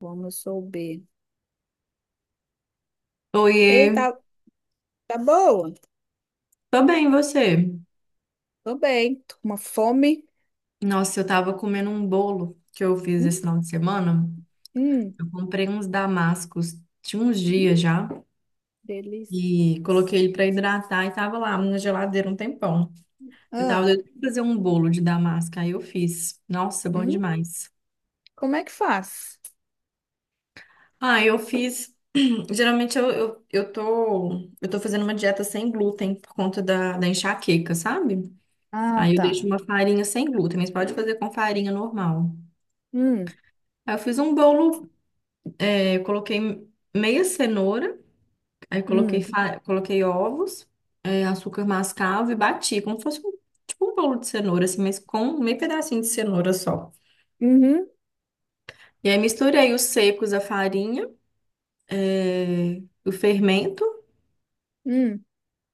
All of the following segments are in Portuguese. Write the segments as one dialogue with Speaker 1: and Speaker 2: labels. Speaker 1: Vamos souber.
Speaker 2: Oiê,
Speaker 1: Ei, tá, tá boa?
Speaker 2: tô bem, e você?
Speaker 1: Tô bem. Tô com uma fome.
Speaker 2: Nossa, eu tava comendo um bolo que eu fiz esse
Speaker 1: Hum,
Speaker 2: final de semana.
Speaker 1: hum,
Speaker 2: Eu comprei uns damascos, tinha uns
Speaker 1: hum,
Speaker 2: dias já,
Speaker 1: Delícia.
Speaker 2: e coloquei ele pra hidratar e tava lá na geladeira um tempão. Eu tava
Speaker 1: Ah,
Speaker 2: doida pra fazer um bolo de damasco, aí eu fiz. Nossa, bom
Speaker 1: hum,
Speaker 2: demais.
Speaker 1: como é que faz?
Speaker 2: Ah, eu fiz. Geralmente eu tô fazendo uma dieta sem glúten por conta da enxaqueca, sabe?
Speaker 1: Ah,
Speaker 2: Aí eu deixo
Speaker 1: tá.
Speaker 2: uma farinha sem glúten, mas pode fazer com farinha normal.
Speaker 1: Hum,
Speaker 2: Aí eu fiz um bolo. Eu coloquei meia cenoura, aí
Speaker 1: hum,
Speaker 2: coloquei ovos, é, açúcar mascavo e bati, como se fosse um, tipo um bolo de cenoura, assim, mas com meio pedacinho de cenoura só.
Speaker 1: uhum,
Speaker 2: E aí misturei os secos, a farinha, é, o fermento,
Speaker 1: hum.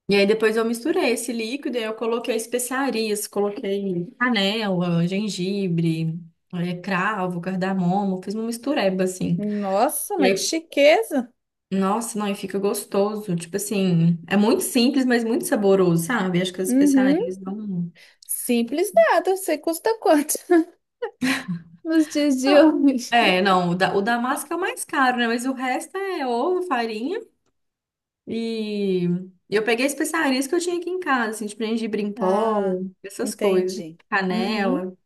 Speaker 2: e aí depois eu misturei esse líquido e aí eu coloquei especiarias, coloquei canela, gengibre, é, cravo, cardamomo, fiz uma mistureba, assim.
Speaker 1: Nossa,
Speaker 2: E
Speaker 1: mas que
Speaker 2: aí
Speaker 1: chiqueza.
Speaker 2: nossa, não, e fica gostoso. Tipo assim, é muito simples, mas muito saboroso, sabe? Acho que as
Speaker 1: Uhum.
Speaker 2: especiarias. Não,
Speaker 1: Simples nada. Eu sei custa quanto nos dias de
Speaker 2: não.
Speaker 1: hoje.
Speaker 2: É, não, o da massa que é o mais caro, né? Mas o resto é ovo, farinha. E eu peguei especiarias que eu tinha aqui em casa, assim, tipo gengibre em pó,
Speaker 1: Ah,
Speaker 2: essas coisas,
Speaker 1: entendi. Uhum,
Speaker 2: canela.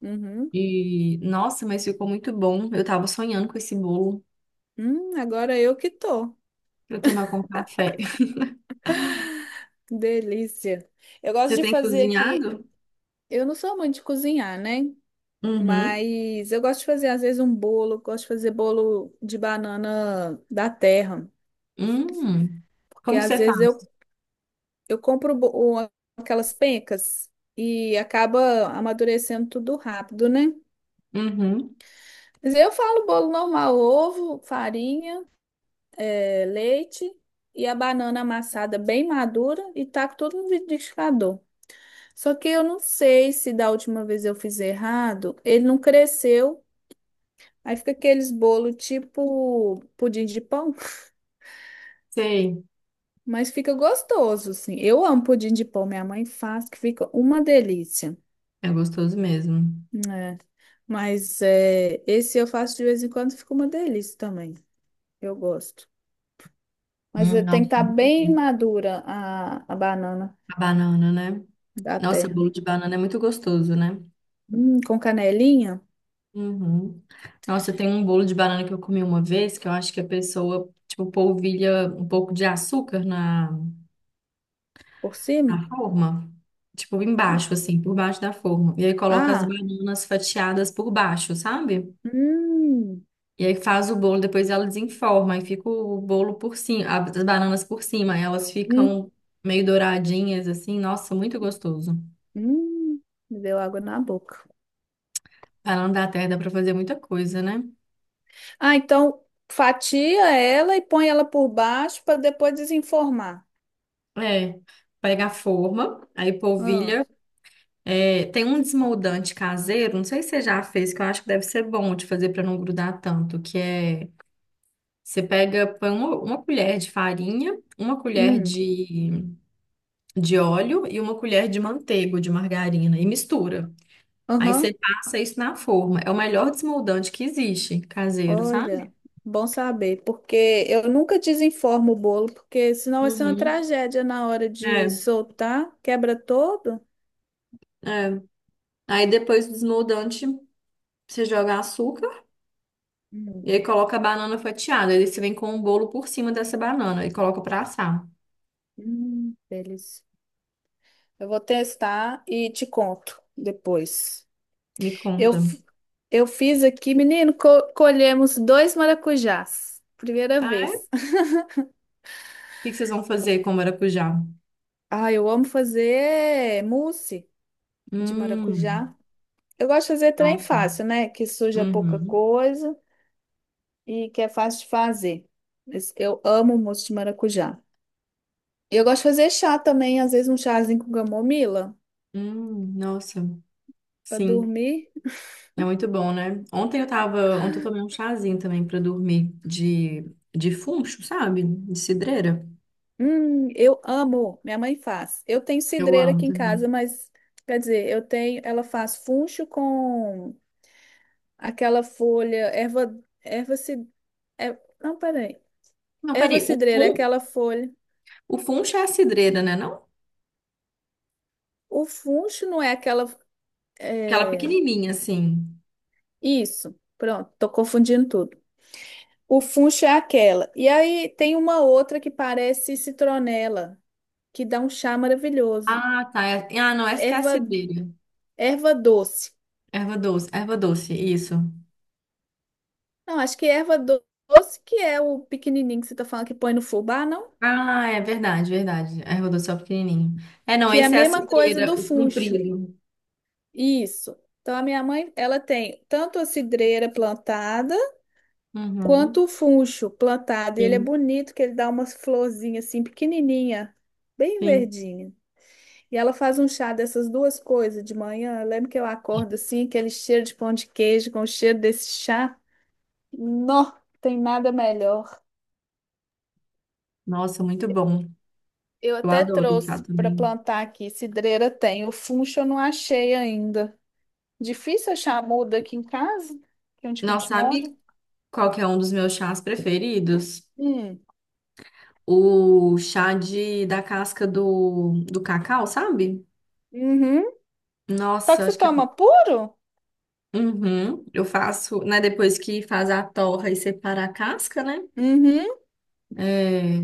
Speaker 1: uhum.
Speaker 2: E, nossa, mas ficou muito bom. Eu tava sonhando com esse bolo
Speaker 1: Agora eu que tô.
Speaker 2: pra eu tomar com café.
Speaker 1: Delícia. Eu gosto
Speaker 2: Você
Speaker 1: de
Speaker 2: tem
Speaker 1: fazer aqui.
Speaker 2: cozinhado?
Speaker 1: Eu não sou muito de cozinhar, né?
Speaker 2: Uhum.
Speaker 1: Mas eu gosto de fazer, às vezes, um bolo. Gosto de fazer bolo de banana da terra.
Speaker 2: Hum.
Speaker 1: Porque,
Speaker 2: Como que
Speaker 1: às
Speaker 2: você
Speaker 1: vezes, eu,
Speaker 2: faz?
Speaker 1: eu compro bo- o- aquelas pencas e acaba amadurecendo tudo rápido, né?
Speaker 2: Uhum.
Speaker 1: Mas eu falo bolo normal: ovo, farinha, leite e a banana amassada bem madura e taco tudo no liquidificador. Só que eu não sei se da última vez eu fiz errado, ele não cresceu. Aí fica aqueles bolo tipo pudim de pão,
Speaker 2: Sei.
Speaker 1: mas fica gostoso, assim. Eu amo pudim de pão, minha mãe faz, que fica uma delícia.
Speaker 2: É gostoso mesmo.
Speaker 1: Né? Mas é, esse eu faço de vez em quando, fica uma delícia também. Eu gosto. Mas é, tem que
Speaker 2: Nossa,
Speaker 1: estar bem madura a banana
Speaker 2: a banana, né?
Speaker 1: da
Speaker 2: Nossa,
Speaker 1: terra.
Speaker 2: bolo de banana é muito gostoso, né?
Speaker 1: Com canelinha
Speaker 2: Uhum. Nossa, tem um bolo de banana que eu comi uma vez que eu acho que a pessoa, tipo, polvilha um pouco de açúcar
Speaker 1: por cima.
Speaker 2: na forma. Tipo, embaixo, assim, por baixo da forma. E aí coloca as
Speaker 1: Ah,
Speaker 2: bananas fatiadas por baixo, sabe?
Speaker 1: hum,
Speaker 2: E aí faz o bolo, depois ela desenforma e fica o bolo por cima, as bananas por cima. Aí elas
Speaker 1: hum,
Speaker 2: ficam meio douradinhas, assim. Nossa, muito gostoso.
Speaker 1: hum, me deu água na boca.
Speaker 2: Pra não dar terra, dá pra fazer muita coisa, né?
Speaker 1: Ah, então fatia ela e põe ela por baixo para depois desenformar.
Speaker 2: É, pega a forma, aí
Speaker 1: Ah,
Speaker 2: polvilha. É, tem um desmoldante caseiro, não sei se você já fez, que eu acho que deve ser bom de fazer pra não grudar tanto, que é, você pega, põe uma colher de farinha, uma colher
Speaker 1: hum,
Speaker 2: de óleo e uma colher de manteiga, ou de margarina, e mistura. Aí você
Speaker 1: aham.
Speaker 2: passa isso na forma. É o melhor desmoldante que existe, caseiro, sabe?
Speaker 1: Olha, bom saber, porque eu nunca desenformo o bolo, porque senão vai ser uma
Speaker 2: Uhum.
Speaker 1: tragédia na hora de
Speaker 2: É,
Speaker 1: soltar, quebra todo.
Speaker 2: é. Aí depois do desmoldante, você joga açúcar.
Speaker 1: Hum,
Speaker 2: E aí coloca a banana fatiada. Aí você vem com o bolo por cima dessa banana e coloca pra assar.
Speaker 1: delícia. Eu vou testar e te conto depois.
Speaker 2: Me
Speaker 1: Eu,
Speaker 2: conta.
Speaker 1: f- eu fiz aqui, menino, co- colhemos dois maracujás. Primeira
Speaker 2: Ah, é?
Speaker 1: vez.
Speaker 2: O que que vocês vão fazer com maracujá?
Speaker 1: Ah, eu amo fazer mousse de
Speaker 2: Hum,
Speaker 1: maracujá. Eu gosto de fazer trem
Speaker 2: nossa.
Speaker 1: fácil, né? Que suja pouca
Speaker 2: Uhum.
Speaker 1: coisa e que é fácil de fazer. Mas eu amo moço de maracujá. E eu gosto de fazer chá também, às vezes um chazinho com camomila
Speaker 2: Nossa.
Speaker 1: para
Speaker 2: Sim,
Speaker 1: dormir.
Speaker 2: é muito bom, né? Ontem eu tomei um chazinho também pra dormir de funcho, sabe? De cidreira.
Speaker 1: Eu amo. Minha mãe faz. Eu tenho
Speaker 2: Eu
Speaker 1: cidreira
Speaker 2: amo
Speaker 1: aqui em
Speaker 2: também.
Speaker 1: casa, mas quer dizer, eu tenho, ela faz funcho com aquela folha, erva, erva cid, é, não, peraí.
Speaker 2: Não,
Speaker 1: Erva
Speaker 2: peraí,
Speaker 1: cidreira é aquela folha.
Speaker 2: o funcho é a cidreira, né, não?
Speaker 1: O funcho não é aquela
Speaker 2: Aquela
Speaker 1: é,
Speaker 2: pequenininha assim.
Speaker 1: isso, pronto, tô confundindo tudo. O funcho é aquela. E aí tem uma outra que parece citronela, que dá um chá maravilhoso.
Speaker 2: Ah, tá. É- ah, não, essa que é a
Speaker 1: Erva,
Speaker 2: cidreira.
Speaker 1: erva doce.
Speaker 2: Erva doce, isso.
Speaker 1: Não, acho que erva do- doce que é o pequenininho que você tá falando que põe no fubá, não?
Speaker 2: Ah, é verdade, verdade. Erva doce é o pequenininho. É, não,
Speaker 1: Que é a
Speaker 2: esse é a
Speaker 1: mesma coisa
Speaker 2: cidreira,
Speaker 1: do
Speaker 2: o
Speaker 1: funcho.
Speaker 2: comprido.
Speaker 1: Isso. Então a minha mãe, ela tem tanto a cidreira plantada
Speaker 2: Uhum,
Speaker 1: quanto o funcho plantado. E ele é
Speaker 2: sim,
Speaker 1: bonito, que ele dá umas florzinhas assim pequenininha, bem
Speaker 2: sim.
Speaker 1: verdinha. E ela faz um chá dessas duas coisas de manhã. Eu lembro que eu acordo assim, aquele cheiro de pão de queijo com o cheiro desse chá. Não tem nada melhor.
Speaker 2: Nossa, muito bom.
Speaker 1: Eu
Speaker 2: Eu
Speaker 1: até
Speaker 2: adoro chá
Speaker 1: trouxe para
Speaker 2: também.
Speaker 1: plantar aqui, cidreira tem. O funcho eu não achei ainda. Difícil achar muda aqui em casa, que é onde que a
Speaker 2: Não
Speaker 1: gente mora.
Speaker 2: sabe qual que é um dos meus chás preferidos?
Speaker 1: Hum.
Speaker 2: O chá da casca do cacau, sabe?
Speaker 1: Uhum. Só que
Speaker 2: Nossa,
Speaker 1: você
Speaker 2: acho que... é.
Speaker 1: toma puro?
Speaker 2: Uhum, eu faço, né, depois que faz a torra e separa a casca, né?
Speaker 1: Uhum.
Speaker 2: É,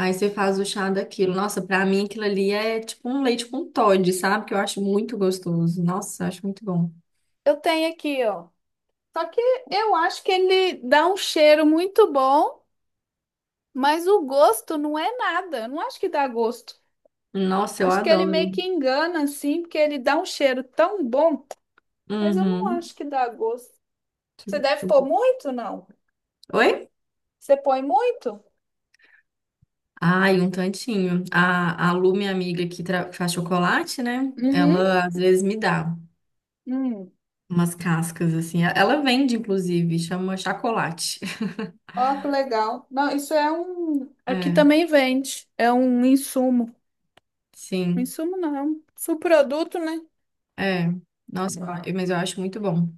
Speaker 2: aí você faz o chá daquilo. Nossa, pra mim aquilo ali é tipo um leite com Toddy, sabe? Que eu acho muito gostoso. Nossa, eu acho muito bom.
Speaker 1: Eu tenho aqui, ó. Só que eu acho que ele dá um cheiro muito bom, mas o gosto não é nada. Eu não acho que dá gosto.
Speaker 2: Nossa, eu
Speaker 1: Acho que ele meio
Speaker 2: adoro.
Speaker 1: que engana, assim, porque ele dá um cheiro tão bom, mas eu não
Speaker 2: Uhum.
Speaker 1: acho que dá gosto. Você deve pôr muito, não?
Speaker 2: Oi?
Speaker 1: Você põe muito?
Speaker 2: Ai, um tantinho. A Lu, minha amiga faz chocolate, né?
Speaker 1: Uhum.
Speaker 2: Ela às vezes me dá
Speaker 1: Hum.
Speaker 2: umas cascas assim. Ela vende, inclusive, chama chocolate.
Speaker 1: Ó, que legal. Não, isso é um. Aqui
Speaker 2: É,
Speaker 1: também vende. É um insumo.
Speaker 2: sim.
Speaker 1: Insumo não, é um subproduto, né?
Speaker 2: É. Nossa, eu- mas eu acho muito bom.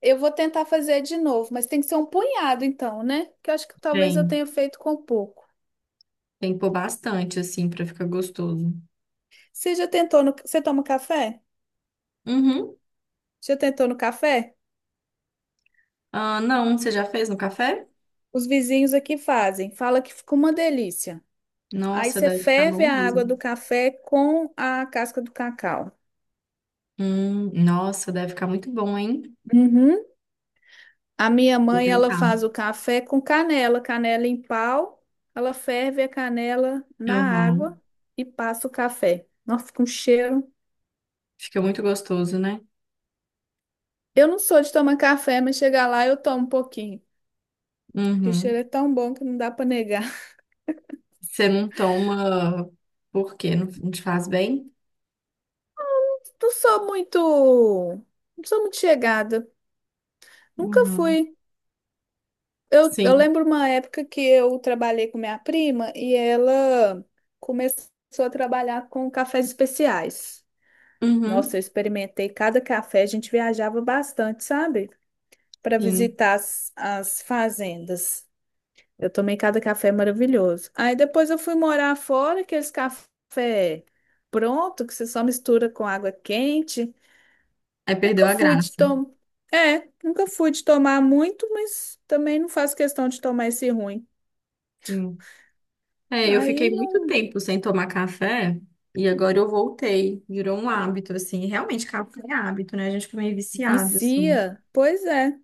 Speaker 1: Eu vou tentar fazer de novo, mas tem que ser um punhado, então, né? Que eu acho que talvez eu
Speaker 2: Tem.
Speaker 1: tenha feito com pouco.
Speaker 2: Tem que pôr bastante, assim, pra ficar gostoso.
Speaker 1: Você já tentou no. Você toma café?
Speaker 2: Uhum.
Speaker 1: Já tentou no café?
Speaker 2: Ah, não, você já fez no café?
Speaker 1: Os vizinhos aqui fazem. Fala que ficou uma delícia. Aí
Speaker 2: Nossa,
Speaker 1: você
Speaker 2: deve ficar
Speaker 1: ferve
Speaker 2: bom
Speaker 1: a água do
Speaker 2: mesmo.
Speaker 1: café com a casca do cacau.
Speaker 2: Nossa, deve ficar muito bom, hein?
Speaker 1: Uhum. A minha
Speaker 2: Vou
Speaker 1: mãe, ela
Speaker 2: tentar.
Speaker 1: faz o café com canela, canela em pau. Ela ferve a canela na
Speaker 2: Aham.
Speaker 1: água e passa o café. Nossa, fica um cheiro.
Speaker 2: Fica muito gostoso, né?
Speaker 1: Eu não sou de tomar café, mas chegar lá eu tomo um pouquinho. Porque o cheiro
Speaker 2: Uhum.
Speaker 1: é tão bom que não dá para negar.
Speaker 2: Você não toma porque não te faz bem?
Speaker 1: Não sou muito, não sou muito chegada. Nunca
Speaker 2: Uhum.
Speaker 1: fui. Eu
Speaker 2: Sim.
Speaker 1: lembro uma época que eu trabalhei com minha prima e ela começou a trabalhar com cafés especiais. Nossa,
Speaker 2: Uhum.
Speaker 1: eu experimentei cada café, a gente viajava bastante, sabe? Para
Speaker 2: Sim.
Speaker 1: visitar as fazendas. Eu tomei cada café maravilhoso. Aí depois eu fui morar fora, aqueles café pronto, que você só mistura com água quente.
Speaker 2: Aí
Speaker 1: Nunca
Speaker 2: perdeu a
Speaker 1: fui de
Speaker 2: graça.
Speaker 1: tomar. É, nunca fui de tomar muito, mas também não faço questão de tomar esse ruim.
Speaker 2: Sim. É, eu fiquei
Speaker 1: Aí
Speaker 2: muito
Speaker 1: não
Speaker 2: tempo sem tomar café e agora eu voltei. Virou um hábito, assim. Realmente, café é hábito, né? A gente fica meio viciado, assim.
Speaker 1: vicia. Pois é,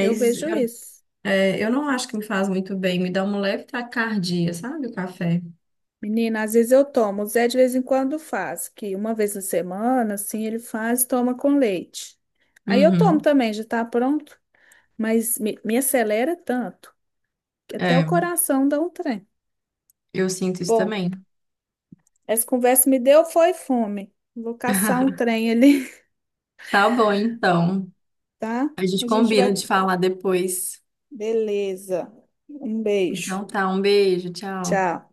Speaker 1: eu vejo isso.
Speaker 2: é, eu não acho que me faz muito bem, me dá uma leve taquicardia, sabe, o café?
Speaker 1: Menina, às vezes eu tomo. O Zé de vez em quando faz, que uma vez na semana, assim, ele faz e toma com leite. Aí eu tomo
Speaker 2: Uhum.
Speaker 1: também, já tá pronto. Mas me acelera tanto que até o
Speaker 2: É,
Speaker 1: coração dá um trem.
Speaker 2: eu sinto isso
Speaker 1: Bom,
Speaker 2: também.
Speaker 1: essa conversa me deu foi fome. Vou caçar um trem ali,
Speaker 2: Tá bom, então.
Speaker 1: tá?
Speaker 2: A gente
Speaker 1: A gente vai.
Speaker 2: combina de falar depois.
Speaker 1: Beleza. Um beijo.
Speaker 2: Então tá, um beijo, tchau.
Speaker 1: Tchau.